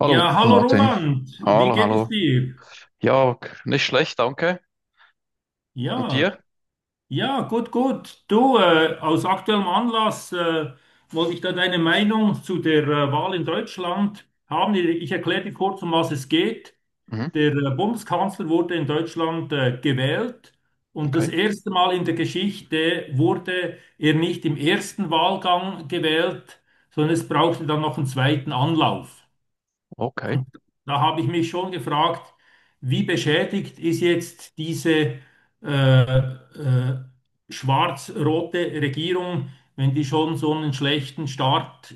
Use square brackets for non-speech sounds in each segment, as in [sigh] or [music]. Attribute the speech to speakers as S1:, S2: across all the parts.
S1: Hallo
S2: Ja, hallo
S1: Martin.
S2: Roland, wie
S1: Hallo,
S2: geht es
S1: hallo.
S2: dir?
S1: Ja, nicht schlecht, danke. Und
S2: Ja,
S1: dir?
S2: ja, gut, gut. Du, aus aktuellem Anlass wollte ich da deine Meinung zu der Wahl in Deutschland haben. Ich erkläre dir kurz, um was es geht.
S1: Mhm,
S2: Der Bundeskanzler wurde in Deutschland gewählt und das
S1: okay,
S2: erste Mal in der Geschichte wurde er nicht im ersten Wahlgang gewählt, sondern es brauchte dann noch einen zweiten Anlauf.
S1: okay.
S2: Und da habe ich mich schon gefragt, wie beschädigt ist jetzt diese äh, äh, schwarz-rote Regierung, wenn die schon so einen schlechten Start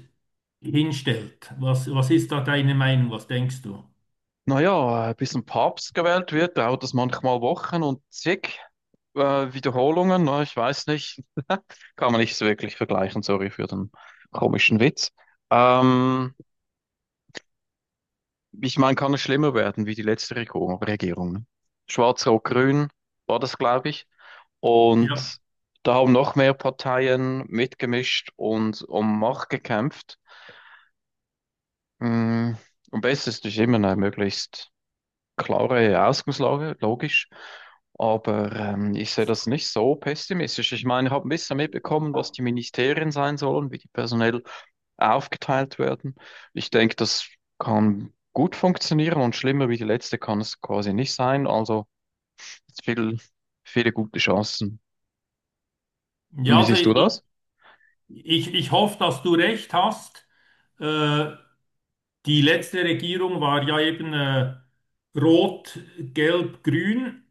S2: hinstellt? Was ist da deine Meinung? Was denkst du?
S1: Naja, bis ein Papst gewählt wird, dauert es manchmal Wochen und zig Wiederholungen. Na, ich weiß nicht, kann man nicht so wirklich vergleichen. Sorry für den komischen Witz. Ähm, Ich meine, kann es schlimmer werden wie die letzte Regierung. Regierung, ne? Schwarz-Rot-Grün war das, glaube ich.
S2: Ja,
S1: Und da haben noch mehr Parteien mitgemischt und um Macht gekämpft. Mm, am besten ist immer eine möglichst klare Ausgangslage, logisch. Aber ich sehe das nicht so pessimistisch. Ich meine, ich habe ein bisschen mitbekommen, was die Ministerien sein sollen, wie die personell aufgeteilt werden. Ich denke, das kann gut funktionieren und schlimmer wie die letzte kann es quasi nicht sein. Also viel, viele gute Chancen. Und
S2: ja,
S1: wie
S2: also
S1: siehst du
S2: ich,
S1: das?
S2: ich, ich hoffe, dass du recht hast. Äh, Die letzte Regierung war ja eben rot, gelb, grün.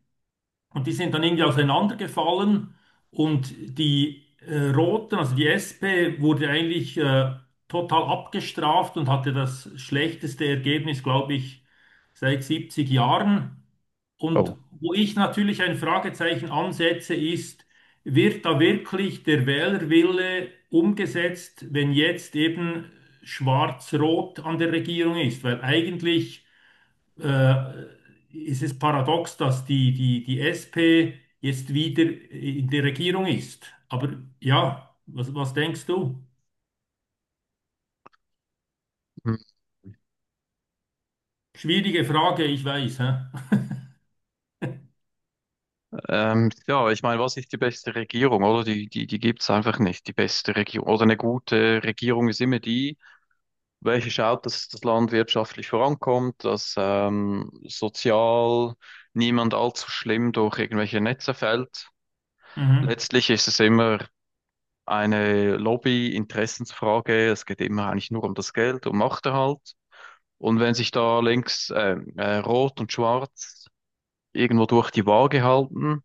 S2: Und die sind dann irgendwie auseinandergefallen und die Roten, also die SP, wurde eigentlich total abgestraft und hatte das schlechteste Ergebnis, glaube ich, seit 70 Jahren. Und
S1: Oh.
S2: wo ich natürlich ein Fragezeichen ansetze, ist, wird da wirklich der Wählerwille umgesetzt, wenn jetzt eben Schwarz-Rot an der Regierung ist? Weil eigentlich äh, ist es paradox, dass die SP jetzt wieder in der Regierung ist. Aber ja, was denkst du? Schwierige Frage, ich weiß. Hä? [laughs]
S1: Ja, ich meine, was ist die beste Regierung, oder? Die gibt's einfach nicht, die beste Regierung. Oder eine gute Regierung ist immer die, welche schaut, dass das Land wirtschaftlich vorankommt, dass sozial niemand allzu schlimm durch irgendwelche Netze fällt.
S2: Mhm,
S1: Letztlich ist es immer eine Lobby-Interessensfrage. Es geht immer eigentlich nur um das Geld, um Machterhalt. Und wenn sich da links Rot und Schwarz irgendwo durch die Waage halten,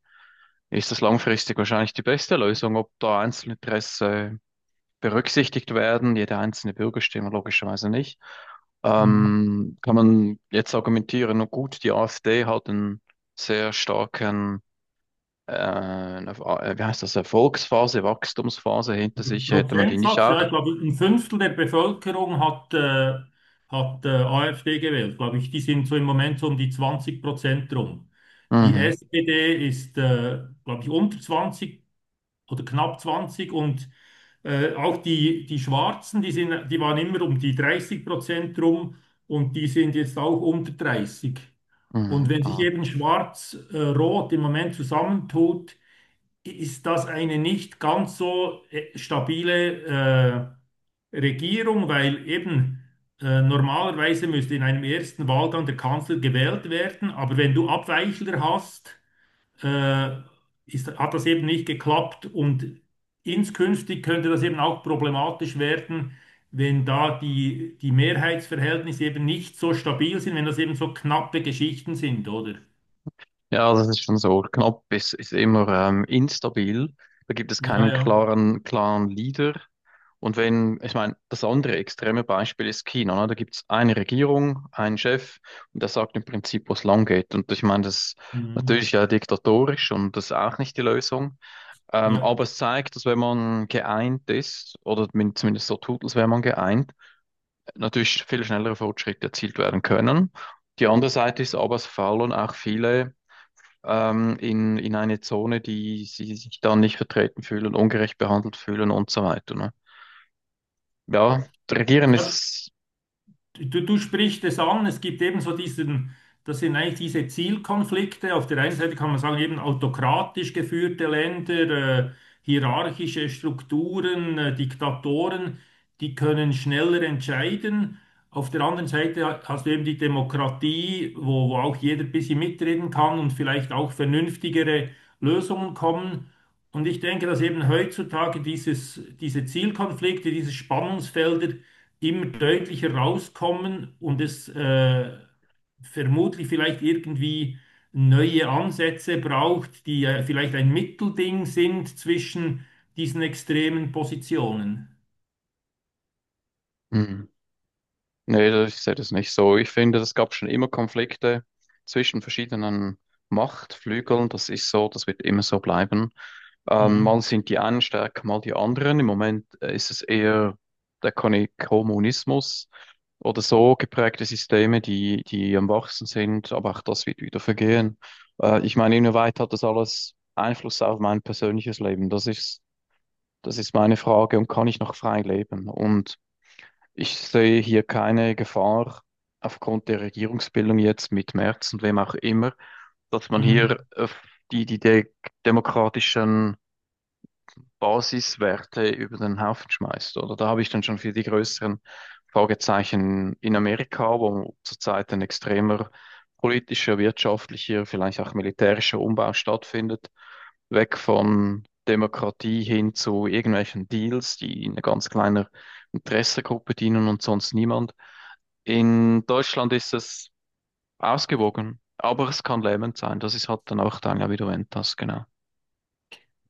S1: ist das langfristig wahrscheinlich die beste Lösung. Ob da Einzelinteresse berücksichtigt werden, jede einzelne Bürgerstimme logischerweise nicht,
S2: mhm.
S1: kann man jetzt argumentieren, na gut, die AfD hat einen sehr starken, äh, wie heißt das, Erfolgsphase, Wachstumsphase hinter
S2: Also
S1: sich, hätte man die nicht
S2: Prozentsatz, ja,
S1: auch?
S2: ich glaube, ein Fünftel der Bevölkerung hat AfD gewählt, glaube ich. Die sind so im Moment so um die 20% rum. Die
S1: Mhm,
S2: SPD ist, glaube ich, unter 20 oder knapp 20, und auch die Schwarzen, die waren immer um die 30% rum und die sind jetzt auch unter 30. Und
S1: mhm,
S2: wenn sich
S1: mhm.
S2: eben Schwarz-Rot im Moment zusammentut, ist das eine nicht ganz so stabile Regierung, weil eben normalerweise müsste in einem ersten Wahlgang der Kanzler gewählt werden, aber wenn du Abweichler hast, äh, hat das eben nicht geklappt, und inskünftig könnte das eben auch problematisch werden, wenn da die Mehrheitsverhältnisse eben nicht so stabil sind, wenn das eben so knappe Geschichten sind, oder?
S1: Ja, das ist schon so. Knapp ist, ist immer instabil. Da gibt es
S2: Ja,
S1: keinen
S2: ja.
S1: klaren Leader. Und wenn, ich meine, das andere extreme Beispiel ist China, ne? Da gibt es eine Regierung, einen Chef und der sagt im Prinzip, wo es lang geht. Und ich meine, das ist
S2: Mhm.
S1: natürlich ja diktatorisch und das ist auch nicht die Lösung.
S2: Ja.
S1: Aber es zeigt, dass wenn man geeint ist, oder zumindest so tut, als wäre man geeint, natürlich viel schnellere Fortschritte erzielt werden können. Die andere Seite ist aber, es faulen auch viele in eine Zone, die sie sich dann nicht vertreten fühlen, ungerecht behandelt fühlen und so weiter. Ne? Ja, regieren
S2: Ja,
S1: ist.
S2: du sprichst es an, es gibt eben so das sind eigentlich diese Zielkonflikte. Auf der einen Seite kann man sagen, eben autokratisch geführte Länder, hierarchische Strukturen, Diktatoren, die können schneller entscheiden. Auf der anderen Seite hast du eben die Demokratie, wo auch jeder ein bisschen mitreden kann und vielleicht auch vernünftigere Lösungen kommen. Und ich denke, dass eben heutzutage diese Zielkonflikte, diese Spannungsfelder, immer deutlicher rauskommen und es vermutlich vielleicht irgendwie neue Ansätze braucht, die vielleicht ein Mittelding sind zwischen diesen extremen Positionen.
S1: Hm. Nee, ich sehe das nicht so. Ich finde, es gab schon immer Konflikte zwischen verschiedenen Machtflügeln. Das ist so, das wird immer so bleiben. Mal
S2: Mhm.
S1: sind die einen stärker, mal die anderen. Im Moment ist es eher der Kommunismus oder so geprägte Systeme, die, die am wachsen sind, aber auch das wird wieder vergehen. Ich meine, inwieweit hat das alles Einfluss auf mein persönliches Leben? Das ist meine Frage und kann ich noch frei leben? Und ich sehe hier keine Gefahr aufgrund der Regierungsbildung jetzt mit Merz und wem auch immer, dass man
S2: Mhm.
S1: hier die, die de demokratischen Basiswerte über den Haufen schmeißt. Oder da habe ich dann schon viel die größeren Fragezeichen in Amerika, wo zurzeit ein extremer politischer, wirtschaftlicher, vielleicht auch militärischer Umbau stattfindet, weg von Demokratie hin zu irgendwelchen Deals, die in einer ganz kleinen Interessengruppe dienen und sonst niemand. In Deutschland ist es ausgewogen, aber es kann lähmend sein. Das ist halt dann auch dann ja, wie du erwähnt hast, genau.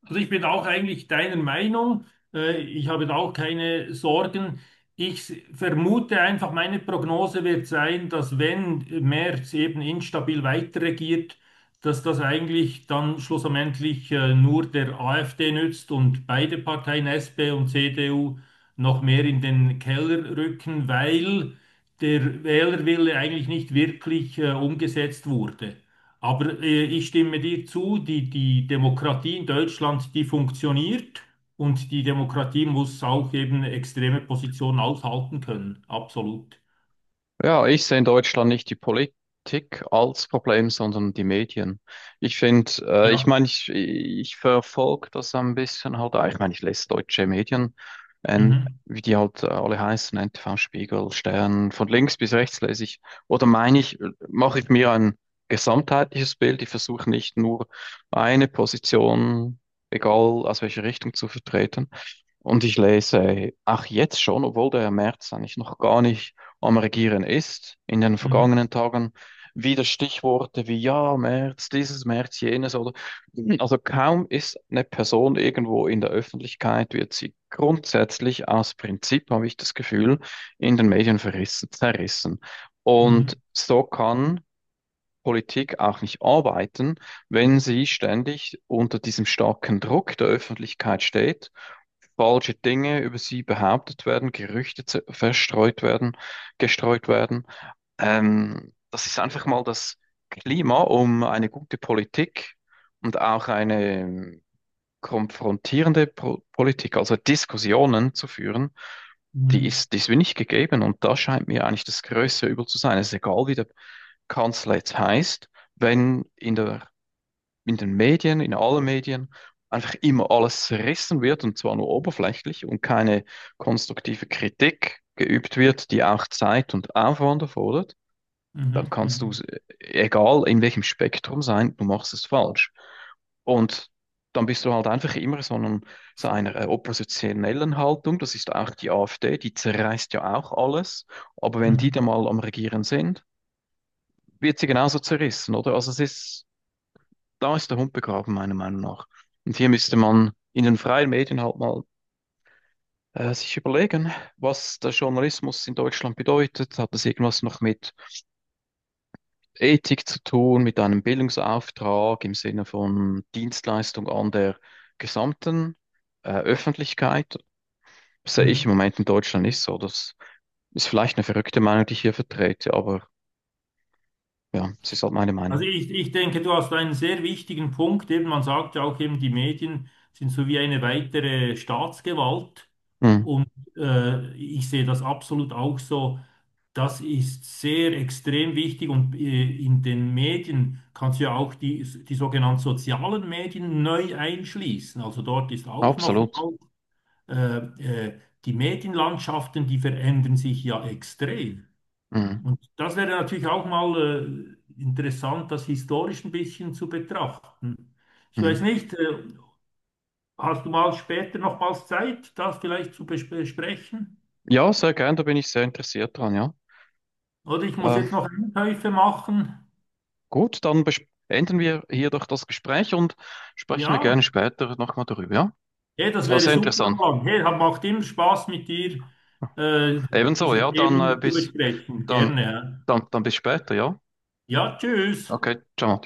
S2: Also ich bin auch eigentlich deiner Meinung. Ich habe da auch keine Sorgen. Vermute einfach, meine Prognose wird sein, dass wenn Merz eben instabil weiterregiert, dass das eigentlich dann schlussendlich nur der AfD nützt und beide Parteien, SP und CDU, noch mehr in den Keller rücken, weil der Wählerwille eigentlich nicht wirklich umgesetzt wurde. Aber ich stimme dir zu, die Demokratie in Deutschland, die funktioniert, und die Demokratie muss auch eben extreme Positionen aushalten können. Absolut.
S1: Ja, ich sehe in Deutschland nicht die Politik als Problem, sondern die Medien. Ich finde, ich
S2: Ja.
S1: meine, ich verfolge das ein bisschen halt, auch. Ich meine, ich lese deutsche Medien,
S2: Mhm.
S1: wie die halt alle heißen, NTV, Spiegel, Stern, von links bis rechts lese ich. Oder meine ich, mache ich mir ein gesamtheitliches Bild, ich versuche nicht nur eine Position, egal aus welcher Richtung zu vertreten. Und ich lese auch jetzt schon, obwohl der März eigentlich noch gar nicht am Regieren ist in den
S2: Mhm.
S1: vergangenen Tagen. Wieder Stichworte wie ja, März, dieses, März, jenes oder also kaum ist eine Person irgendwo in der Öffentlichkeit, wird sie grundsätzlich aus Prinzip, habe ich das Gefühl, in den Medien verrissen, zerrissen. Und
S2: Mhm.
S1: so kann Politik auch nicht arbeiten, wenn sie ständig unter diesem starken Druck der Öffentlichkeit steht, falsche Dinge über sie behauptet werden, Gerüchte verstreut werden, gestreut werden. Das ist einfach mal das Klima, um eine gute Politik und auch eine konfrontierende Pro Politik, also Diskussionen zu führen,
S2: Mhm.
S1: die ist mir nicht gegeben. Und da scheint mir eigentlich das größte Übel zu sein. Es ist egal, wie der Kanzler jetzt heißt, wenn in der in den Medien, in allen Medien, einfach immer alles zerrissen wird und zwar nur oberflächlich und keine konstruktive Kritik geübt wird, die auch Zeit und Aufwand erfordert, dann
S2: Mhm.
S1: kannst du,
S2: Mhm.
S1: egal in welchem Spektrum sein, du machst es falsch. Und dann bist du halt einfach immer so, einem, so einer oppositionellen Haltung. Das ist auch die AfD, die zerreißt ja auch alles. Aber wenn die dann
S2: Mhm.
S1: mal am Regieren sind, wird sie genauso zerrissen, oder? Also es ist, da ist der Hund begraben, meiner Meinung nach. Und hier müsste man in den freien Medien halt mal sich überlegen, was der Journalismus in Deutschland bedeutet. Hat das irgendwas noch mit Ethik zu tun, mit einem Bildungsauftrag im Sinne von Dienstleistung an der gesamten Öffentlichkeit? Das sehe ich
S2: Mhm.
S1: im Moment in Deutschland nicht so. Das ist vielleicht eine verrückte Meinung, die ich hier vertrete, aber ja, es ist halt meine
S2: Also
S1: Meinung.
S2: ich denke, du hast einen sehr wichtigen Punkt. Eben, man sagt ja auch eben, die Medien sind so wie eine weitere Staatsgewalt.
S1: Mhm.
S2: Und ich sehe das absolut auch so. Das ist sehr extrem wichtig, und in den Medien kannst du ja auch die sogenannten sozialen Medien neu einschließen. Also dort ist auch
S1: Absolut.
S2: nochmal äh, die Medienlandschaften, die verändern sich ja extrem.
S1: Mhm.
S2: Und das wäre natürlich auch mal interessant, das historisch ein bisschen zu betrachten. Ich weiß
S1: Mhm.
S2: nicht, hast du mal später nochmals Zeit, das vielleicht besprechen?
S1: Ja, sehr gern, da bin ich sehr interessiert dran, ja.
S2: Oder ich muss
S1: Ähm,
S2: jetzt noch Einkäufe machen.
S1: Gut, dann beenden wir hier doch das Gespräch und sprechen wir
S2: Ja.
S1: gerne später nochmal darüber, ja?
S2: Hey, das
S1: Das war
S2: wäre
S1: sehr
S2: super,
S1: interessant.
S2: Roland. Hey, macht immer Spaß mit dir, äh,
S1: Ebenso,
S2: diese
S1: ja, dann
S2: Themen zu
S1: bis
S2: besprechen.
S1: dann,
S2: Gerne. Ja.
S1: dann bis später, ja?
S2: Ja, tschüss.
S1: Okay, ciao.